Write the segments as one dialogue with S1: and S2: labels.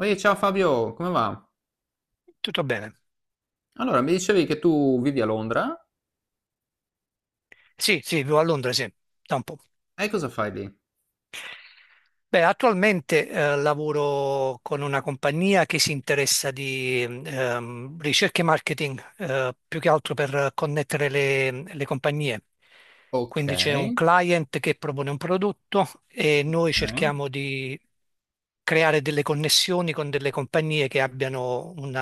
S1: Oi, ciao Fabio, come va?
S2: Tutto bene.
S1: Allora, mi dicevi che tu vivi a Londra
S2: Sì, sì, vivo a Londra, sì, da un po'.
S1: e cosa fai lì?
S2: Beh, attualmente lavoro con una compagnia che si interessa di ricerca e marketing, più che altro per connettere le compagnie.
S1: Ok,
S2: Quindi c'è un client che propone un prodotto e noi
S1: ok,
S2: cerchiamo di creare delle connessioni con delle compagnie che abbiano un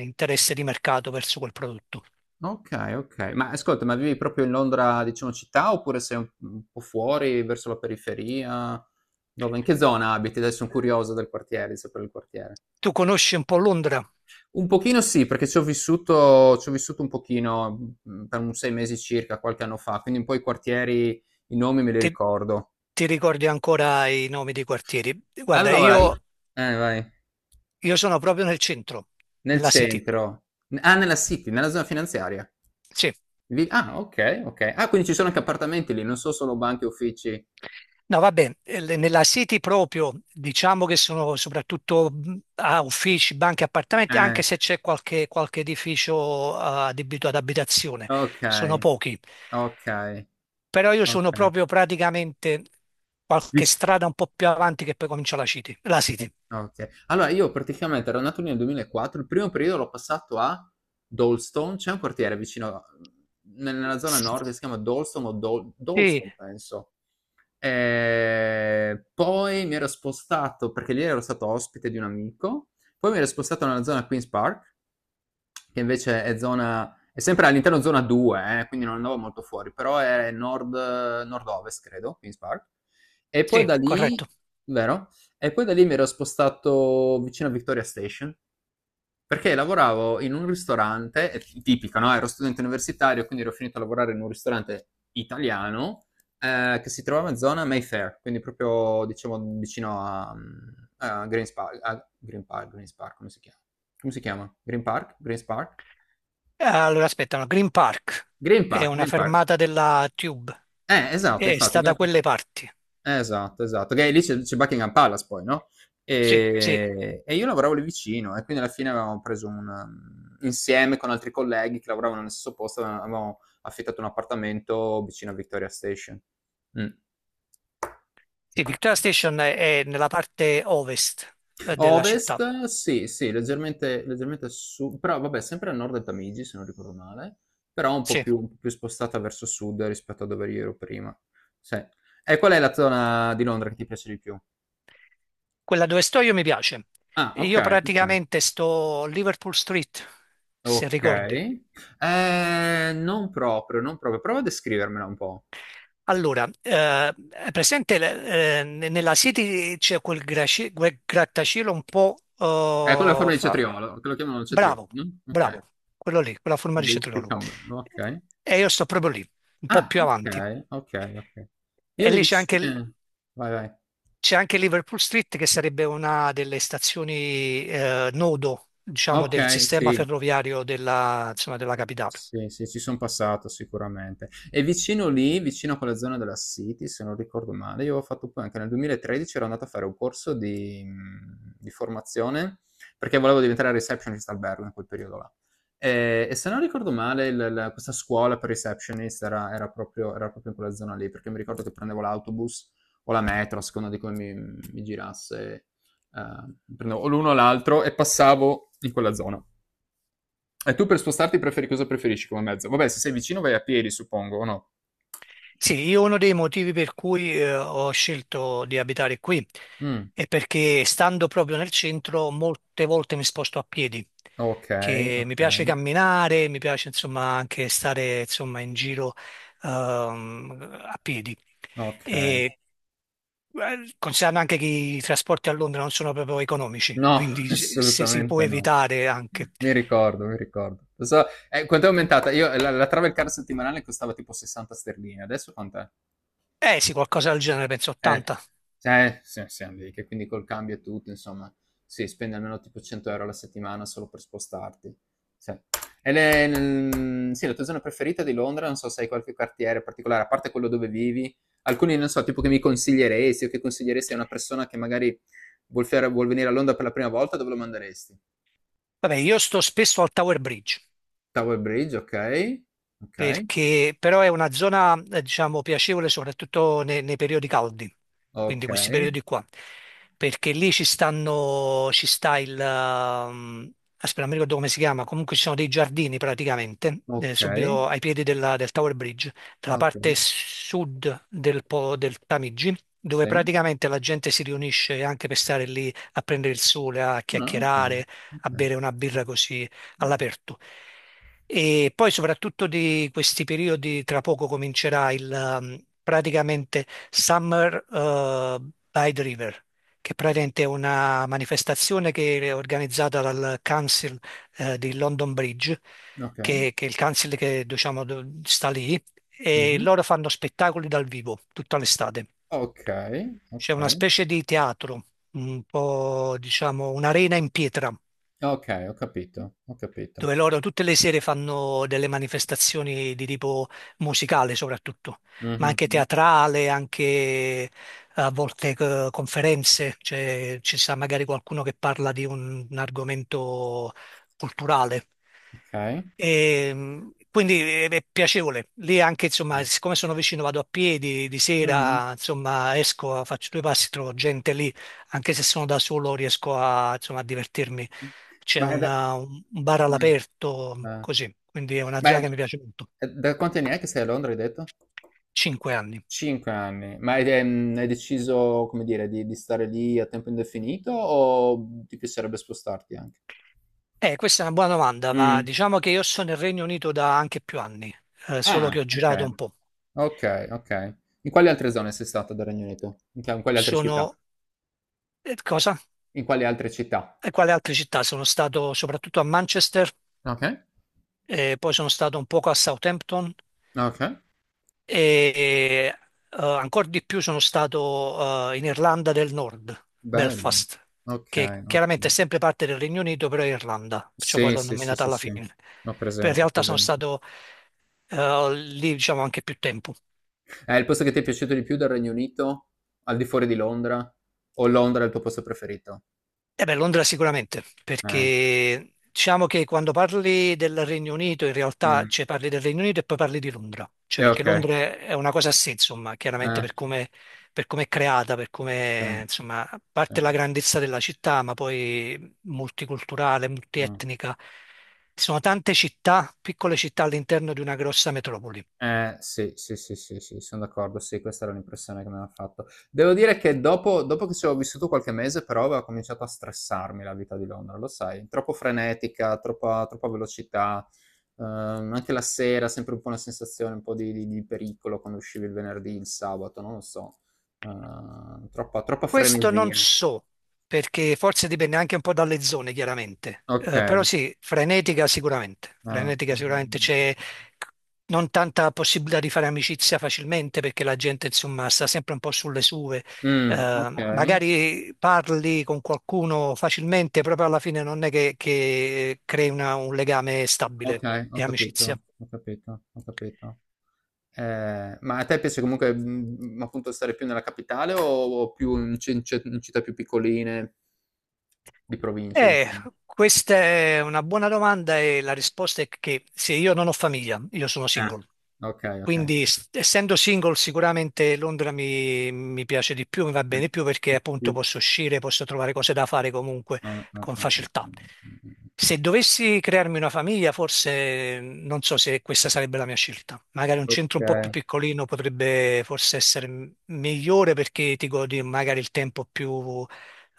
S2: interesse di mercato verso quel prodotto.
S1: ok, ok. Ma ascolta, ma vivi proprio in Londra, diciamo, città oppure sei un po' fuori, verso la periferia? Dove, in che zona abiti? Adesso sono curioso del quartiere, di sapere il quartiere.
S2: Tu conosci un po' Londra?
S1: Un pochino sì, perché ci ho vissuto un pochino per un 6 mesi circa, qualche anno fa, quindi un po' i quartieri, i nomi me li
S2: Ti,
S1: ricordo.
S2: ti ricordi ancora i nomi dei quartieri? Guarda,
S1: Allora, io.
S2: io,
S1: Vai.
S2: io sono proprio nel centro,
S1: Nel
S2: nella City.
S1: centro. Nella City, nella zona finanziaria.
S2: Sì,
S1: Okay, okay. Ah, quindi ci sono anche appartamenti lì, non so solo banche e uffici.
S2: no, vabbè, nella City proprio diciamo che sono soprattutto a uffici, banche, appartamenti,
S1: Eh,
S2: anche se c'è qualche edificio adibito ad abitazione, sono
S1: okay,
S2: pochi.
S1: okay,
S2: Però io sono
S1: okay.
S2: proprio praticamente qualche
S1: Vic
S2: strada un po' più avanti che poi comincia la City. La
S1: o
S2: City.
S1: okay. Allora io praticamente ero nato lì nel 2004, il primo periodo l'ho passato a Dolstone, c'è un quartiere vicino, ne nella zona nord che si chiama Dolstone o Dol
S2: Sì,
S1: Dolstone penso. Poi mi ero spostato, perché lì ero stato ospite di un amico, poi mi ero spostato nella zona Queen's Park, che invece è sempre all'interno zona 2, quindi non andavo molto fuori, però è nord, nord-ovest, credo, Queen's Park. E poi da
S2: sì,
S1: lì,
S2: corretto.
S1: vero? E poi da lì mi ero spostato vicino a Victoria Station, perché lavoravo in un ristorante, è tipico, no, ero studente universitario, quindi ero finito a lavorare in un ristorante italiano, che si trovava in zona Mayfair, quindi proprio diciamo vicino a Green's Park a Green Park Green's Park come si chiama? Green Park? Green's Park?
S2: Allora, aspetta, no, Green Park
S1: Green
S2: è
S1: Park,
S2: una
S1: Green Park.
S2: fermata della Tube,
S1: Esatto,
S2: e
S1: infatti.
S2: sta da quelle parti.
S1: Esatto, esatto, perché lì c'è Buckingham Palace poi, no,
S2: Sì, sì,
S1: e io lavoravo lì vicino e quindi alla fine avevamo preso un mhmm, insieme con altri colleghi che lavoravano nello stesso posto, avevamo affittato un appartamento vicino a Victoria Station. Mh.
S2: sì, Victoria Station è nella parte ovest della città.
S1: Ovest, sì, sì, leggermente leggermente a su però vabbè sempre a nord del Tamigi, se non ricordo male, però un po'
S2: Sì,
S1: più un po' più spostata verso sud rispetto a dove io ero prima. Sì. E qual è la zona di Londra che ti piace di più?
S2: quella dove sto io mi piace.
S1: Ah,
S2: Io
S1: okay, okay.
S2: praticamente sto Liverpool Street, se
S1: Ok.
S2: ricordi.
S1: Non proprio, non proprio. Prova a descrivermela un po'.
S2: Allora, è presente nella City c'è quel grattacielo un po'
S1: È quella
S2: eh,
S1: forma di
S2: fa-
S1: cetriolo, che lo chiamano il cetriolo,
S2: Bravo,
S1: no? Ok.
S2: bravo, quello lì, quella forma di
S1: Big
S2: cetriolo.
S1: cucumber, ok.
S2: E io sto proprio lì, un po'
S1: Ah,
S2: più
S1: ok,
S2: avanti.
S1: ok, ok. Io
S2: E
S1: le
S2: lì c'è anche,
S1: vicine. Vai, vai.
S2: c'è anche Liverpool Street, che sarebbe una delle stazioni nodo, diciamo, del
S1: Ok,
S2: sistema
S1: sì.
S2: ferroviario insomma, della capitale.
S1: Sì, sì, ci son passato sicuramente. E vicino lì, vicino a quella zona della City, se non ricordo male, io ho fatto poi anche nel 2013 ero andato a fare un corso di formazione, perché volevo diventare receptionist albergo in quel periodo là. E se non ricordo male il la questa scuola per receptionist era proprio in quella zona lì, perché mi ricordo che prendevo l'autobus o la metro, a seconda di come mi girasse, prendevo o l'uno o l'altro e passavo in quella zona. E tu per spostarti preferi cosa preferisci come mezzo? Vabbè, se sei vicino vai a piedi, suppongo, o no?
S2: Sì, io uno dei motivi per cui ho scelto di abitare qui
S1: Mm,
S2: e perché stando proprio nel centro, molte volte mi sposto a piedi,
S1: ok,
S2: che mi
S1: ok,
S2: piace camminare, mi piace insomma anche stare insomma in giro a piedi.
S1: ok.
S2: E considerando anche che i trasporti a Londra non sono proprio economici,
S1: No,
S2: quindi se si può
S1: assolutamente no.
S2: evitare anche.
S1: Mi ricordo, mi ricordo. Lo so, quanto è aumentata? Io, la travel card settimanale costava tipo 60 sterline, adesso quant'è?
S2: Eh sì, qualcosa del genere, penso
S1: Eh,
S2: 80.
S1: sì, siamo lì, che quindi col cambio e tutto, insomma, sì, spendi almeno tipo 100 euro alla settimana solo per spostarti. Sì. E sì, la tua zona preferita di Londra, non so se hai qualche quartiere particolare, a parte quello dove vivi, alcuni, non so, tipo che mi consiglieresti o che consiglieresti a una persona che magari vuol venire a Londra per la prima volta, dove lo manderesti?
S2: Vabbè, io sto spesso al Tower Bridge.
S1: Tower Bridge, ok, ok,
S2: Perché però è una zona, diciamo, piacevole soprattutto nei periodi caldi, quindi
S1: ok,
S2: questi periodi qua, perché lì ci stanno, ci sta il, aspetta, non mi ricordo come si chiama, comunque ci sono dei giardini praticamente,
S1: ok,
S2: subito ai piedi del Tower Bridge, dalla
S1: ok,
S2: parte sud del Tamigi, dove
S1: sì,
S2: praticamente la gente si riunisce anche per stare lì a prendere il sole, a
S1: no, ok,
S2: chiacchierare, a
S1: ok,
S2: bere una birra così
S1: ok,
S2: all'aperto. E poi soprattutto di questi periodi, tra poco comincerà il praticamente Summer by the River, che praticamente è una manifestazione che è organizzata dal Council di London Bridge,
S1: ok.
S2: che è il council che diciamo sta lì, e
S1: Mhm.
S2: loro fanno spettacoli dal vivo tutta l'estate.
S1: Ok, ok,
S2: C'è una specie di teatro, un po' diciamo un'arena in pietra
S1: ok, ho capito, ho capito.
S2: dove loro tutte le sere fanno delle manifestazioni di tipo musicale soprattutto, ma
S1: Mhm,
S2: anche
S1: mhm,
S2: teatrale, anche a volte conferenze, cioè ci sarà magari qualcuno che parla di un argomento culturale.
S1: ok.
S2: E quindi è piacevole. Lì anche, insomma, siccome sono vicino, vado a piedi di
S1: Mhm.
S2: sera, insomma, esco, faccio due passi, trovo gente lì, anche se sono da solo, riesco insomma, a divertirmi. C'è
S1: Ma è da...
S2: un bar all'aperto,
S1: eh,
S2: così. Quindi è una
S1: Ma
S2: zona
S1: è-
S2: che mi piace molto.
S1: è da quanti anni è che sei a Londra, hai detto?
S2: 5 anni.
S1: 5 anni. Ma hai deciso, come dire, di stare lì a tempo indefinito o ti piacerebbe spostarti anche?
S2: Questa è una buona domanda, ma
S1: Mm.
S2: diciamo che io sono nel Regno Unito da anche più anni, solo
S1: Ah,
S2: che ho
S1: ok.
S2: girato un po'.
S1: Ok, ok. In quali altre zone sei stato del Regno Unito? In quali altre città?
S2: Sono... Cosa?
S1: In quali altre città?
S2: E quale altre città? Sono stato soprattutto a Manchester,
S1: Ok.
S2: e poi sono stato un poco a Southampton
S1: Okay,
S2: e ancora di più sono stato in Irlanda del Nord,
S1: bello.
S2: Belfast, che
S1: Okay,
S2: chiaramente è
S1: ottimo.
S2: sempre parte del Regno Unito, però è Irlanda, perciò poi
S1: Sì,
S2: l'ho
S1: sì, sì,
S2: nominata
S1: sì,
S2: alla
S1: sì.
S2: fine.
S1: Ho
S2: Però in
S1: presente,
S2: realtà sono
S1: presente.
S2: stato lì diciamo anche più tempo.
S1: Il posto che ti è piaciuto di più del Regno Unito, al di fuori di Londra? O Londra è il tuo posto preferito?
S2: Eh beh, Londra sicuramente,
S1: Eh,
S2: perché diciamo che quando parli del Regno Unito, in realtà
S1: mh.
S2: cioè, parli del Regno Unito e poi parli di Londra, cioè perché
S1: Okay.
S2: Londra è una cosa a sé, insomma, chiaramente
S1: Eh,
S2: per come è creata, per
S1: sì.
S2: come, insomma, a
S1: Sì.
S2: parte la grandezza della città, ma poi multiculturale,
S1: Mh.
S2: multietnica. Ci sono tante città, piccole città all'interno di una grossa metropoli.
S1: Sì, sì, sì, sì, sì, sono d'accordo, sì, questa era l'impressione che mi aveva fatto. Devo dire che dopo, dopo che ci ho vissuto qualche mese, però aveva cominciato a stressarmi la vita di Londra, lo sai, troppo frenetica, troppa, troppa velocità, anche la sera sempre un po' una sensazione un po' di pericolo quando uscivi il venerdì, il sabato, non lo so. Troppa, troppa
S2: Questo non
S1: frenesia.
S2: so, perché forse dipende anche un po' dalle zone, chiaramente.
S1: Ok,
S2: Però sì, frenetica sicuramente. Frenetica sicuramente c'è non tanta possibilità di fare amicizia facilmente perché la gente, insomma, sta sempre un po' sulle sue.
S1: mm, ok,
S2: Magari parli con qualcuno facilmente, proprio alla fine non è che crei un legame stabile
S1: ok, ho
S2: di
S1: capito,
S2: amicizia.
S1: ho capito, ho capito. Ma a te piace comunque, appunto stare più nella capitale o più in cin ce in città più piccoline? Di provincia
S2: Eh,
S1: dicevi.
S2: questa è una buona domanda e la risposta è che se io non ho famiglia, io sono
S1: Ah,
S2: single.
S1: okay, okay.
S2: Quindi essendo single sicuramente Londra mi piace di più, mi va
S1: Mh.
S2: bene di più perché
S1: È
S2: appunto
S1: più
S2: posso uscire, posso trovare cose da fare comunque
S1: ah, ah,
S2: con
S1: ah, ah,
S2: facilità.
S1: mh-mh,
S2: Se dovessi crearmi una famiglia, forse non so se questa sarebbe la mia scelta. Magari un centro un po' più
S1: okay.
S2: piccolino potrebbe forse essere migliore perché ti godi magari il tempo più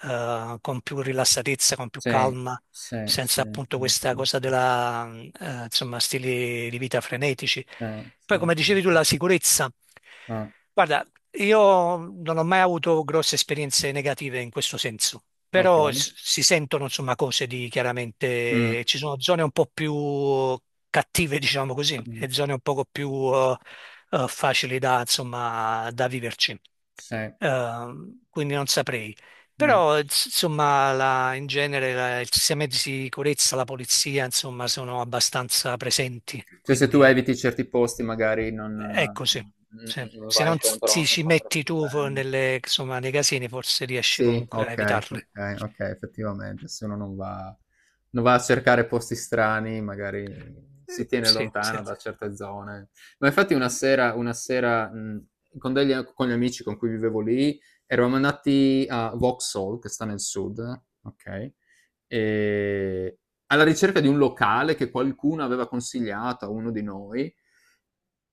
S2: con più rilassatezza, con più
S1: Sì,
S2: calma,
S1: sì,
S2: senza
S1: sì,
S2: appunto
S1: sì,
S2: questa
S1: sì,
S2: cosa
S1: sì.
S2: della, insomma, stili di vita frenetici.
S1: Sì,
S2: Poi, come
S1: sì,
S2: dicevi tu,
S1: sì.
S2: la sicurezza.
S1: Ah,
S2: Guarda, io non ho mai avuto grosse esperienze negative in questo senso, però
S1: okay.
S2: si sentono insomma cose di
S1: Mh,
S2: chiaramente ci sono zone un po' più cattive, diciamo così,
S1: mh,
S2: e zone un poco più facili da insomma da viverci.
S1: sì,
S2: Quindi non saprei.
S1: mh.
S2: Però insomma in genere i sistemi di sicurezza, la polizia insomma sono abbastanza presenti,
S1: Cioè se tu
S2: quindi
S1: eviti certi posti magari non
S2: è
S1: non
S2: così. Sì.
S1: non
S2: Se
S1: vai
S2: non ti
S1: incontro
S2: ci
S1: incontro a
S2: metti tu
S1: problemi.
S2: insomma, nei casini forse riesci
S1: Sì,
S2: comunque a
S1: okay,
S2: evitarli.
S1: okay, okay, effettivamente se uno non va a cercare posti strani, magari si tiene
S2: Sì,
S1: lontano
S2: sì.
S1: da certe zone. Ma infatti una sera con degli a con gli amici con cui vivevo lì, eravamo andati a Vauxhall, che sta nel sud, okay, ehm, alla ricerca di un locale che qualcuno aveva consigliato a uno di noi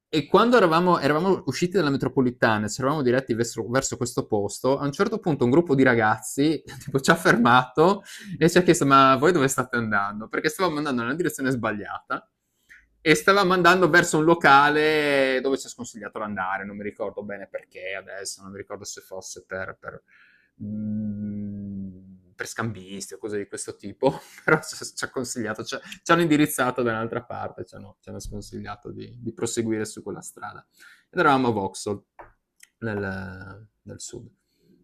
S1: e quando eravamo usciti dalla metropolitana, ci eravamo diretti verso questo posto, a un certo punto un gruppo di ragazzi tipo, ci ha fermato e ci ha chiesto: Ma voi dove state andando? Perché stavamo andando nella direzione sbagliata e stavamo andando verso un locale dove ci ha sconsigliato di andare, non mi ricordo bene perché adesso, non mi ricordo se fosse per scambisti o cose di questo tipo, però ci ha consigliato, ci hanno indirizzato da un'altra parte, ci hanno sconsigliato di proseguire su quella strada. Ed eravamo a Vauxhall, nel sud.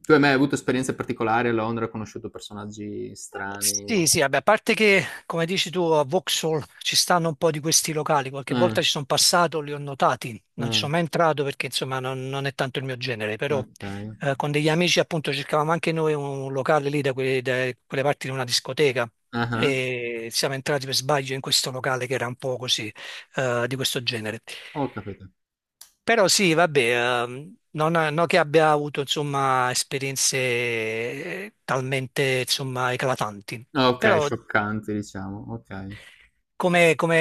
S1: Tu hai mai avuto esperienze particolari a Londra? Hai conosciuto personaggi strani?
S2: Sì, sì, vabbè, a parte che, come dici tu, a Vauxhall ci stanno un po' di questi locali, qualche
S1: Eh,
S2: volta ci sono passato, li ho notati, non ci
S1: eh,
S2: sono mai entrato perché insomma non è tanto il mio genere, però
S1: ok.
S2: con degli amici appunto cercavamo anche noi un locale lì da quelle parti di una discoteca
S1: Ah ah.
S2: e siamo entrati per sbaglio in questo locale che era un po' così di questo genere.
S1: Ho capito.
S2: Però sì, vabbè, non che abbia avuto insomma, esperienze talmente insomma, eclatanti,
S1: Ah, okay,
S2: però
S1: scioccanti diciamo, okay,
S2: come, come,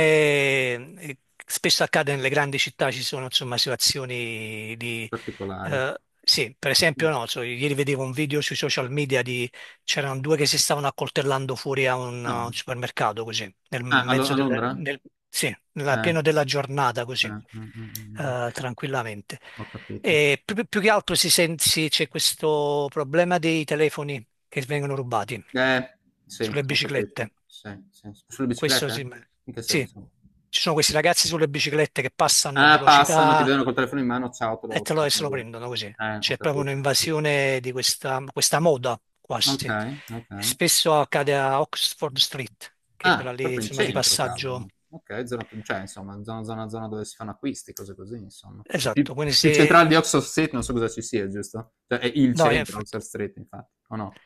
S2: eh, spesso accade nelle grandi città ci sono insomma situazioni di.
S1: particolari.
S2: Eh, sì, per
S1: Mh.
S2: esempio no, so, ieri vedevo un video sui social media di. C'erano due che si stavano accoltellando fuori a un, a
S1: Ah.
S2: un supermercato così. Nel
S1: Ah, a Lo
S2: mezzo
S1: a
S2: del...
S1: Londra?
S2: nel- Sì,
S1: Eh.
S2: pieno della giornata
S1: Eh,
S2: così,
S1: mh, mh, mh.
S2: tranquillamente.
S1: Ho capito.
S2: E più che altro c'è questo problema dei telefoni che vengono rubati
S1: Eh, sì,
S2: sulle
S1: ho capito.
S2: biciclette.
S1: Sì, sì, s sulle
S2: Questo sì,
S1: biciclette? In che
S2: sì.
S1: senso?
S2: Ci sono questi ragazzi sulle biciclette che passano a
S1: Ah, passano, ti
S2: velocità
S1: vedono col telefono in mano, ciao, te lo
S2: e se
S1: strappano
S2: lo
S1: via.
S2: prendono così.
S1: Ho
S2: C'è proprio
S1: capito, ho capito.
S2: un'invasione di questa moda quasi.
S1: Okay, okay.
S2: Spesso accade a Oxford Street, che è quella
S1: Ah,
S2: lì,
S1: proprio in
S2: insomma, di
S1: centro,
S2: passaggio.
S1: cavolo. Ok, zona, cioè, insomma, zona, zona, zona dove si fanno acquisti, cose così, insomma. Più,
S2: Esatto, quindi
S1: più
S2: se.
S1: centrale di Oxford Street, non so cosa ci sia, giusto? Cioè, è il
S2: No,
S1: centro,
S2: infatti.
S1: Oxford Street, infatti, o no?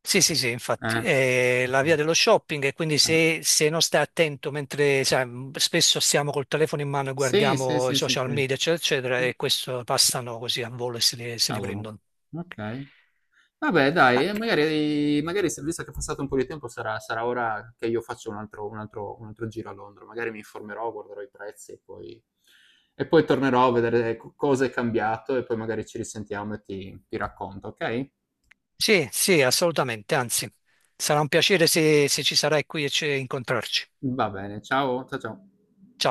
S2: Sì, sì, sì, infatti,
S1: Eh.
S2: è la via dello shopping e quindi
S1: Eh.
S2: se non stai attento mentre sai, spesso siamo col telefono in mano e
S1: Sì, sì,
S2: guardiamo i
S1: sì, sì,
S2: social
S1: c'è.
S2: media, eccetera, eccetera, e questo passano così a volo e se li
S1: Cavolo.
S2: prendono.
S1: Ok. Vabbè, dai,
S2: Ah,
S1: magari visto che è passato un po' di tempo, sarà ora che io faccio un altro giro a Londra. Magari mi informerò, guarderò i prezzi e poi, tornerò a vedere cosa è cambiato e poi magari ci risentiamo e ti racconto, ok?
S2: sì, sì, assolutamente, anzi, sarà un piacere se ci sarai qui e ci incontrarci.
S1: Va bene, ciao, ciao ciao.